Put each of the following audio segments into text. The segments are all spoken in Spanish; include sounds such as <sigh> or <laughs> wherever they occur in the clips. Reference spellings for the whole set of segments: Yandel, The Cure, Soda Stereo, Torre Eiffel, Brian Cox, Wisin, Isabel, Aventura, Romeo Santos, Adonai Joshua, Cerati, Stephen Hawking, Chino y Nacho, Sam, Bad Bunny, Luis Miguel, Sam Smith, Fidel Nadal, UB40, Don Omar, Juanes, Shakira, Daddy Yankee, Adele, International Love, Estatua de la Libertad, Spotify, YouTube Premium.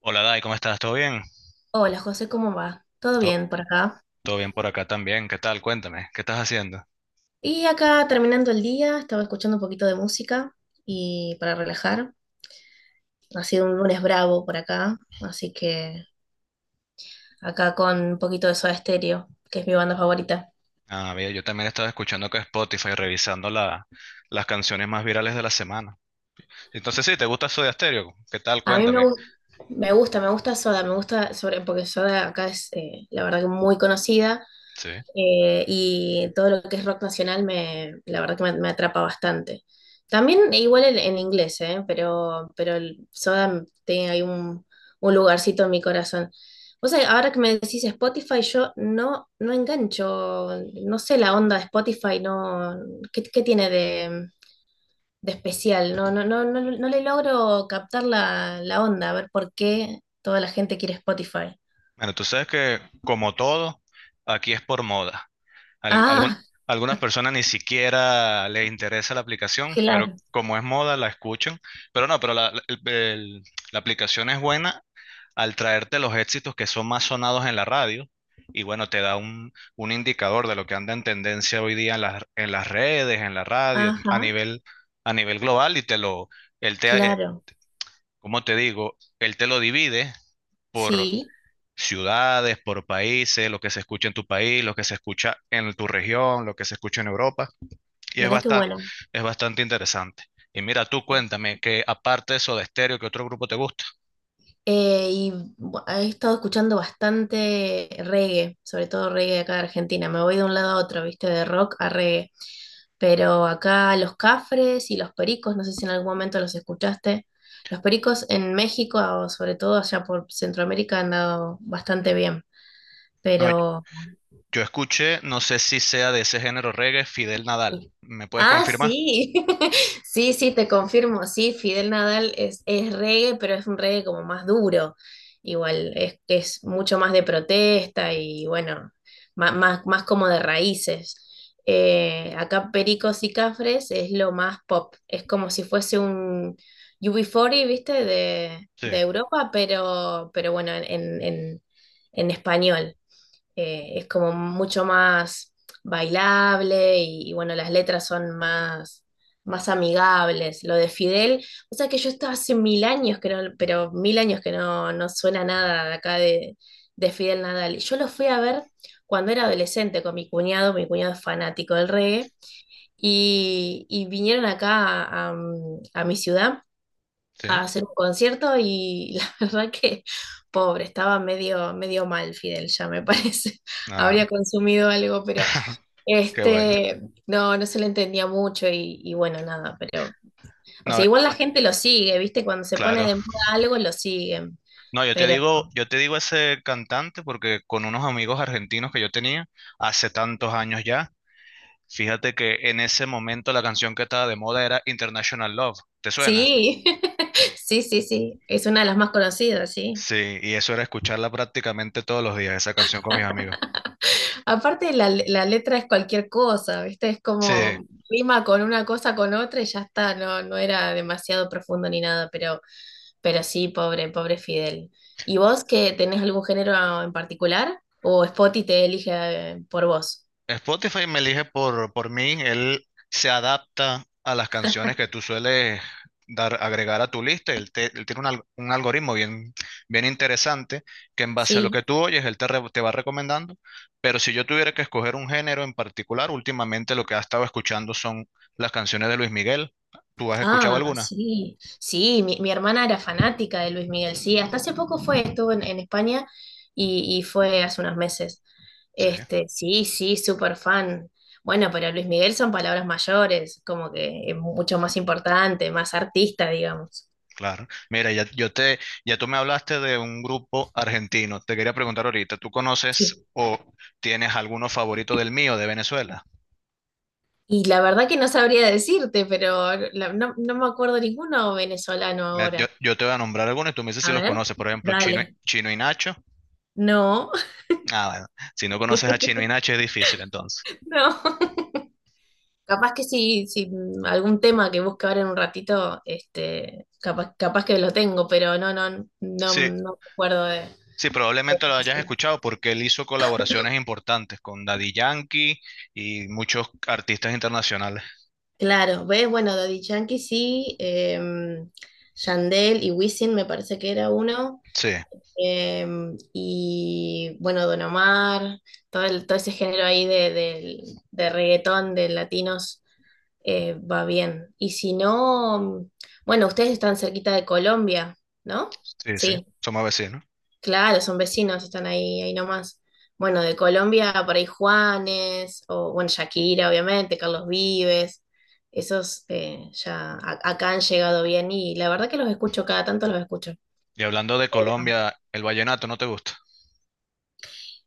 Hola Dai, ¿cómo estás? ¿Todo bien? Hola José, ¿cómo va? ¿Todo To- bien por acá? Todo bien por acá también. ¿Qué tal? Cuéntame, ¿qué estás haciendo? Y acá terminando el día, estaba escuchando un poquito de música y para relajar. Ha sido un lunes bravo por acá, así que acá con un poquito de Soda Stereo, que es mi banda favorita. Ah, bien, yo también estaba escuchando que Spotify, revisando las canciones más virales de la semana. Entonces sí, ¿te gusta Soda Stereo? ¿Qué tal? A mí me, Cuéntame. gu- me gusta, Soda, me gusta sobre, porque Soda acá es la verdad que muy conocida. Sí. Y todo lo que es rock nacional me, la verdad que me atrapa bastante. También igual en inglés, ¿eh? Pero el Soda tiene ahí un lugarcito en mi corazón. O sea, ahora que me decís Spotify, yo no, no engancho, no sé la onda de Spotify, no, ¿qué tiene de especial? No, no, no, no, no le logro captar la onda, a ver por qué toda la gente quiere Spotify. Bueno, tú sabes que como todo, aquí es por moda. Al- algún- Ah, Algunas personas ni siquiera les interesa la aplicación, pero <laughs> claro, como es moda, la escuchan. Pero no, pero la aplicación es buena al traerte los éxitos que son más sonados en la radio. Y bueno, te da un indicador de lo que anda en tendencia hoy día en en las redes, en la radio, ajá, a nivel global. Y te lo, él te, claro, ¿cómo te digo? Él te lo divide por sí. ciudades, por países, lo que se escucha en tu país, lo que se escucha en tu región, lo que se escucha en Europa. Y Mira qué bueno. es bastante interesante. Y mira, tú Sí. cuéntame que aparte de Soda Stereo, ¿qué otro grupo te gusta? Eh, y he estado escuchando bastante reggae, sobre todo reggae acá de Argentina. Me voy de un lado a otro, viste, de rock a reggae. Pero acá los Cafres y los Pericos, no sé si en algún momento los escuchaste. Los Pericos en México, o sobre todo allá por Centroamérica, han dado bastante bien. No, Pero yo escuché, no sé si sea de ese género reggae, Fidel Nadal. sí. ¿Me puedes Ah, confirmar? sí, <laughs> sí, sí, te confirmo, sí, Fidel Nadal es reggae, pero es un reggae como más duro, igual, es mucho más de protesta y bueno, más, más, como de raíces. Acá Pericos y Cafres es lo más pop, es como si fuese un UB40, ¿viste? Sí, De Europa, pero bueno, en español, es como mucho más bailable y bueno, las letras son más, más amigables. Lo de Fidel, o sea que yo estaba hace mil años que no, pero mil años que no, no suena nada de acá de Fidel Nadal. Yo lo fui a ver cuando era adolescente con mi cuñado es fanático del reggae, y vinieron acá a mi ciudad sí. a hacer un concierto y <laughs> la verdad que pobre, estaba medio, medio mal Fidel, ya me parece. <laughs> Ah, Habría consumido algo, pero <laughs> qué bueno. este, no, no se le entendía mucho y bueno, nada, pero, o sea, No, igual la gente lo sigue, ¿viste? Cuando se pone claro. de moda algo, lo siguen, No, pero yo te digo ese cantante porque con unos amigos argentinos que yo tenía hace tantos años ya, fíjate que en ese momento la canción que estaba de moda era International Love. ¿Te suena? sí, <laughs> sí, sí, sí, es una de las más conocidas, sí. Sí, y eso era escucharla prácticamente todos los días, esa canción con mis amigos. Aparte, la letra es cualquier cosa, ¿viste? Es Sí, como rima con una cosa, con otra y ya está, no, no era demasiado profundo ni nada, pero... Pero sí, pobre, pobre Fidel. ¿Y vos que tenés algún género en particular? ¿O Spotty te elige por vos? Spotify me elige por mí, él se adapta a las canciones que tú sueles dar, agregar a tu lista, él, él tiene un algoritmo bien, bien interesante que en base a lo Sí. que tú oyes, él te, te va recomendando, pero si yo tuviera que escoger un género en particular, últimamente lo que ha estado escuchando son las canciones de Luis Miguel, ¿tú has escuchado Ah, alguna? sí. Sí, mi hermana era fanática de Luis Miguel. Sí, hasta hace poco fue, estuvo en España y fue hace unos meses. Sí. Este, sí, sí, súper fan. Bueno, pero Luis Miguel son palabras mayores, como que es mucho más importante, más artista, digamos. Claro. Mira, ya, yo te, ya tú me hablaste de un grupo argentino. Te quería preguntar ahorita, ¿tú conoces o tienes alguno favorito del mío de Venezuela? Y la verdad que no sabría decirte, pero no, no me acuerdo ninguno venezolano Yo, ahora. yo te voy a nombrar algunos y tú me dices si A los ver, conoces. Por ejemplo, Chino, dale. Chino y Nacho. No, Ah, bueno. Si no conoces a Chino y Nacho es difícil entonces. <laughs> no. Capaz que si algún tema que busque ahora en un ratito, este, capaz, capaz que lo tengo, pero no, no, no, no Sí, me acuerdo de, sí, probablemente lo hayas de- escuchado porque él hizo colaboraciones importantes con Daddy Yankee y muchos artistas internacionales. Claro, ves, bueno, Daddy Yankee sí, Yandel y Wisin me parece que era uno. Sí, Em, y bueno, Don Omar, todo, todo ese género ahí de reggaetón, de latinos, va bien. Y si no, bueno, ustedes están cerquita de Colombia, ¿no? sí, sí. Sí, Somos vecinos. claro, son vecinos, están ahí, ahí nomás. Bueno, de Colombia por ahí Juanes, o bueno, Shakira, obviamente, Carlos Vives, esos ya acá han llegado bien y la verdad que los escucho, cada tanto los escucho. Y hablando de Colombia, ¿el vallenato no te gusta?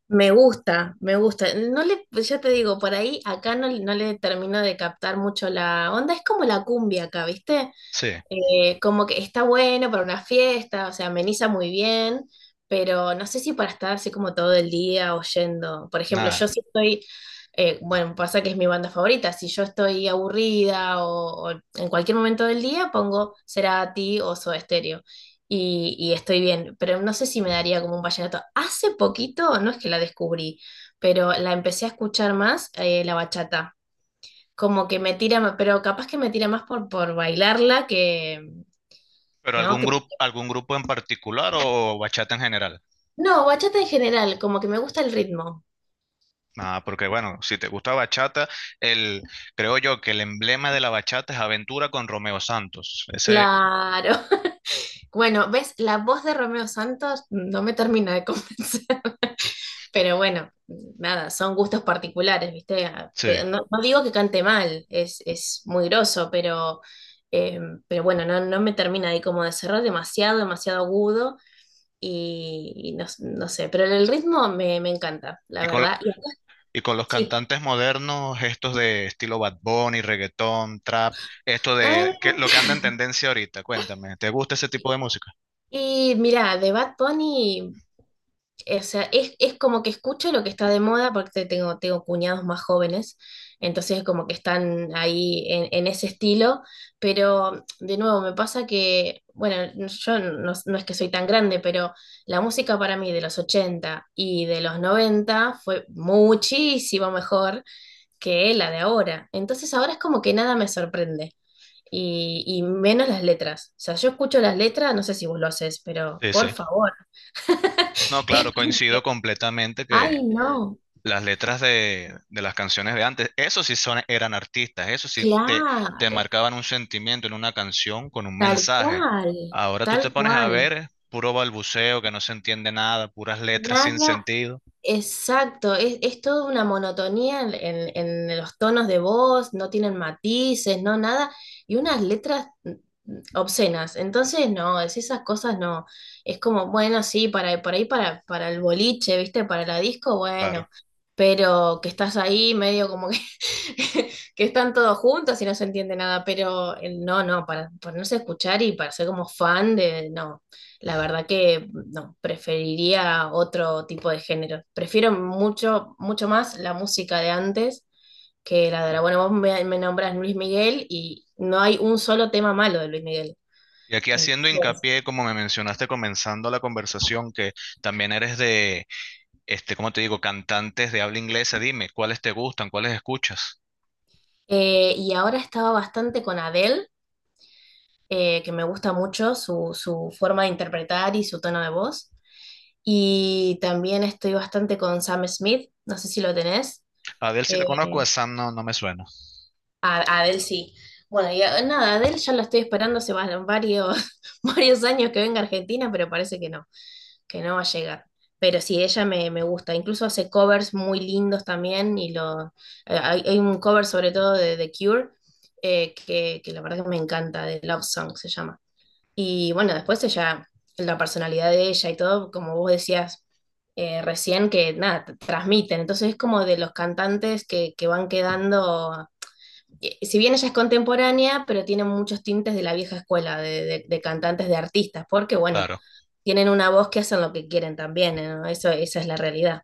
Me gusta, me gusta. No le, pues ya te digo, por ahí acá no, no le termino de captar mucho la onda. Es como la cumbia acá, ¿viste? Sí. Como que está bueno para una fiesta, o sea, ameniza muy bien, pero no sé si para estar así como todo el día oyendo. Por ejemplo, Nada. yo sí estoy, bueno, pasa que es mi banda favorita, si yo estoy aburrida o en cualquier momento del día pongo Cerati o Soda Stereo y estoy bien, pero no sé si me daría como un vallenato. Hace poquito, no es que la descubrí, pero la empecé a escuchar más, la bachata como que me tira más, pero capaz que me tira más por bailarla que, ¿Pero ¿no? Que, algún grupo en particular o bachata en general? no, bachata en general, como que me gusta el ritmo. Ah, porque bueno, si te gusta bachata, el, creo yo que el emblema de la bachata es Aventura con Romeo Santos. Ese, Claro. <laughs> Bueno, ves, la voz de Romeo Santos no me termina de convencer, <laughs> pero bueno, nada, son gustos particulares, ¿viste? Sí. No, no digo que cante mal, es muy groso, eh, pero bueno, no, no me termina ahí como de cerrar demasiado, demasiado agudo y no, no sé, pero el ritmo me encanta, la Y con, verdad. y con los Sí. cantantes modernos, estos de estilo Bad Bunny, reggaetón, trap, esto de que, Ah, lo que anda en tendencia ahorita, cuéntame, ¿te gusta ese tipo de música? y mira, de Bad Bunny, o sea, es como que escucho lo que está de moda porque tengo, tengo cuñados más jóvenes, entonces como que están ahí en ese estilo, pero de nuevo me pasa que, bueno, no, yo no, no es que soy tan grande, pero la música para mí de los 80 y de los 90 fue muchísimo mejor que la de ahora. Entonces ahora es como que nada me sorprende. Y menos las letras. O sea, yo escucho las letras, no sé si vos lo haces, pero Sí, por sí. favor. No, <laughs> Es claro, como coincido que, completamente que ay, no, las letras de las canciones de antes, esos sí son, eran artistas, esos sí te claro, marcaban un sentimiento en una canción con un tal mensaje. cual, Ahora tú te tal pones a cual. ver puro balbuceo que no se entiende nada, puras letras sin Nada. sentido. Exacto, es toda una monotonía en los tonos de voz, no tienen matices, no nada, y unas letras obscenas. Entonces, no, es esas cosas no. Es como, bueno, sí, para, por ahí para el boliche, ¿viste? Para la disco, Claro. bueno, pero que estás ahí medio como que <laughs> que están todos juntos y no se entiende nada, pero no, no, para ponerse a escuchar y para ser como fan de, no, la verdad que no, preferiría otro tipo de género. Prefiero mucho, mucho más la música de antes que la de ahora. Bueno, vos me nombras Luis Miguel y no hay un solo tema malo de Luis Miguel. Y aquí haciendo Entonces, hincapié, como me mencionaste comenzando la conversación, que también eres de, este, ¿cómo te digo?, cantantes de habla inglesa, dime, ¿cuáles te gustan? ¿Cuáles escuchas? Y ahora estaba bastante con Adele, que me gusta mucho su forma de interpretar y su tono de voz. Y también estoy bastante con Sam Smith, no sé si lo tenés. A Adele sí la conozco, a Eh, Sam no, no me suena. A Adele sí. Bueno, nada, Adele ya lo estoy esperando hace varios, <laughs> varios años que venga a Argentina, pero parece que no va a llegar. Pero sí, ella me gusta. Incluso hace covers muy lindos también, hay un cover sobre todo de The Cure, que la verdad que me encanta, de Love Song se llama. Y bueno, después ella, la personalidad de ella y todo, como vos decías recién, que nada, transmiten. Entonces es como de los cantantes que van quedando, si bien ella es contemporánea, pero tiene muchos tintes de la vieja escuela, de cantantes, de artistas, porque bueno, Claro. tienen una voz que hacen lo que quieren también, ¿no? Eso, esa es la realidad.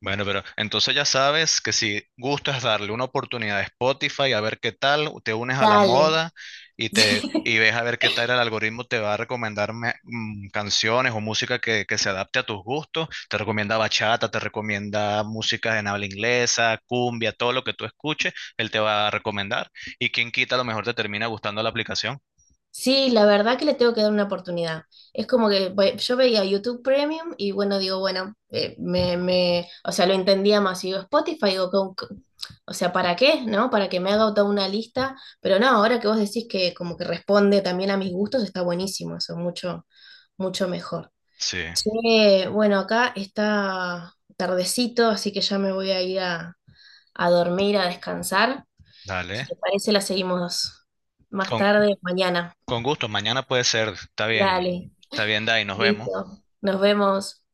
Bueno, pero entonces ya sabes que si gustas darle una oportunidad a Spotify a ver qué tal, te unes a la Dale. moda y te y <laughs> ves a ver qué tal el algoritmo te va a recomendar canciones o música que se adapte a tus gustos. Te recomienda bachata, te recomienda música en habla inglesa, cumbia, todo lo que tú escuches, él te va a recomendar. Y quien quita, a lo mejor te termina gustando la aplicación. Sí, la verdad que le tengo que dar una oportunidad. Es como que bueno, yo veía YouTube Premium y bueno, digo, bueno, me, o sea, lo entendía más. Y digo, Spotify, digo, o sea, ¿para qué? ¿No? Para que me haga toda una lista. Pero no, ahora que vos decís que como que responde también a mis gustos, está buenísimo, eso, mucho, mucho mejor. Sí, Che, bueno, acá está tardecito, así que ya me voy a ir a dormir, a descansar. Si dale. te parece, la seguimos más Con, tarde, mañana. con gusto, mañana puede ser. Dale. Está bien, Dai, nos vemos. Listo. Nos vemos.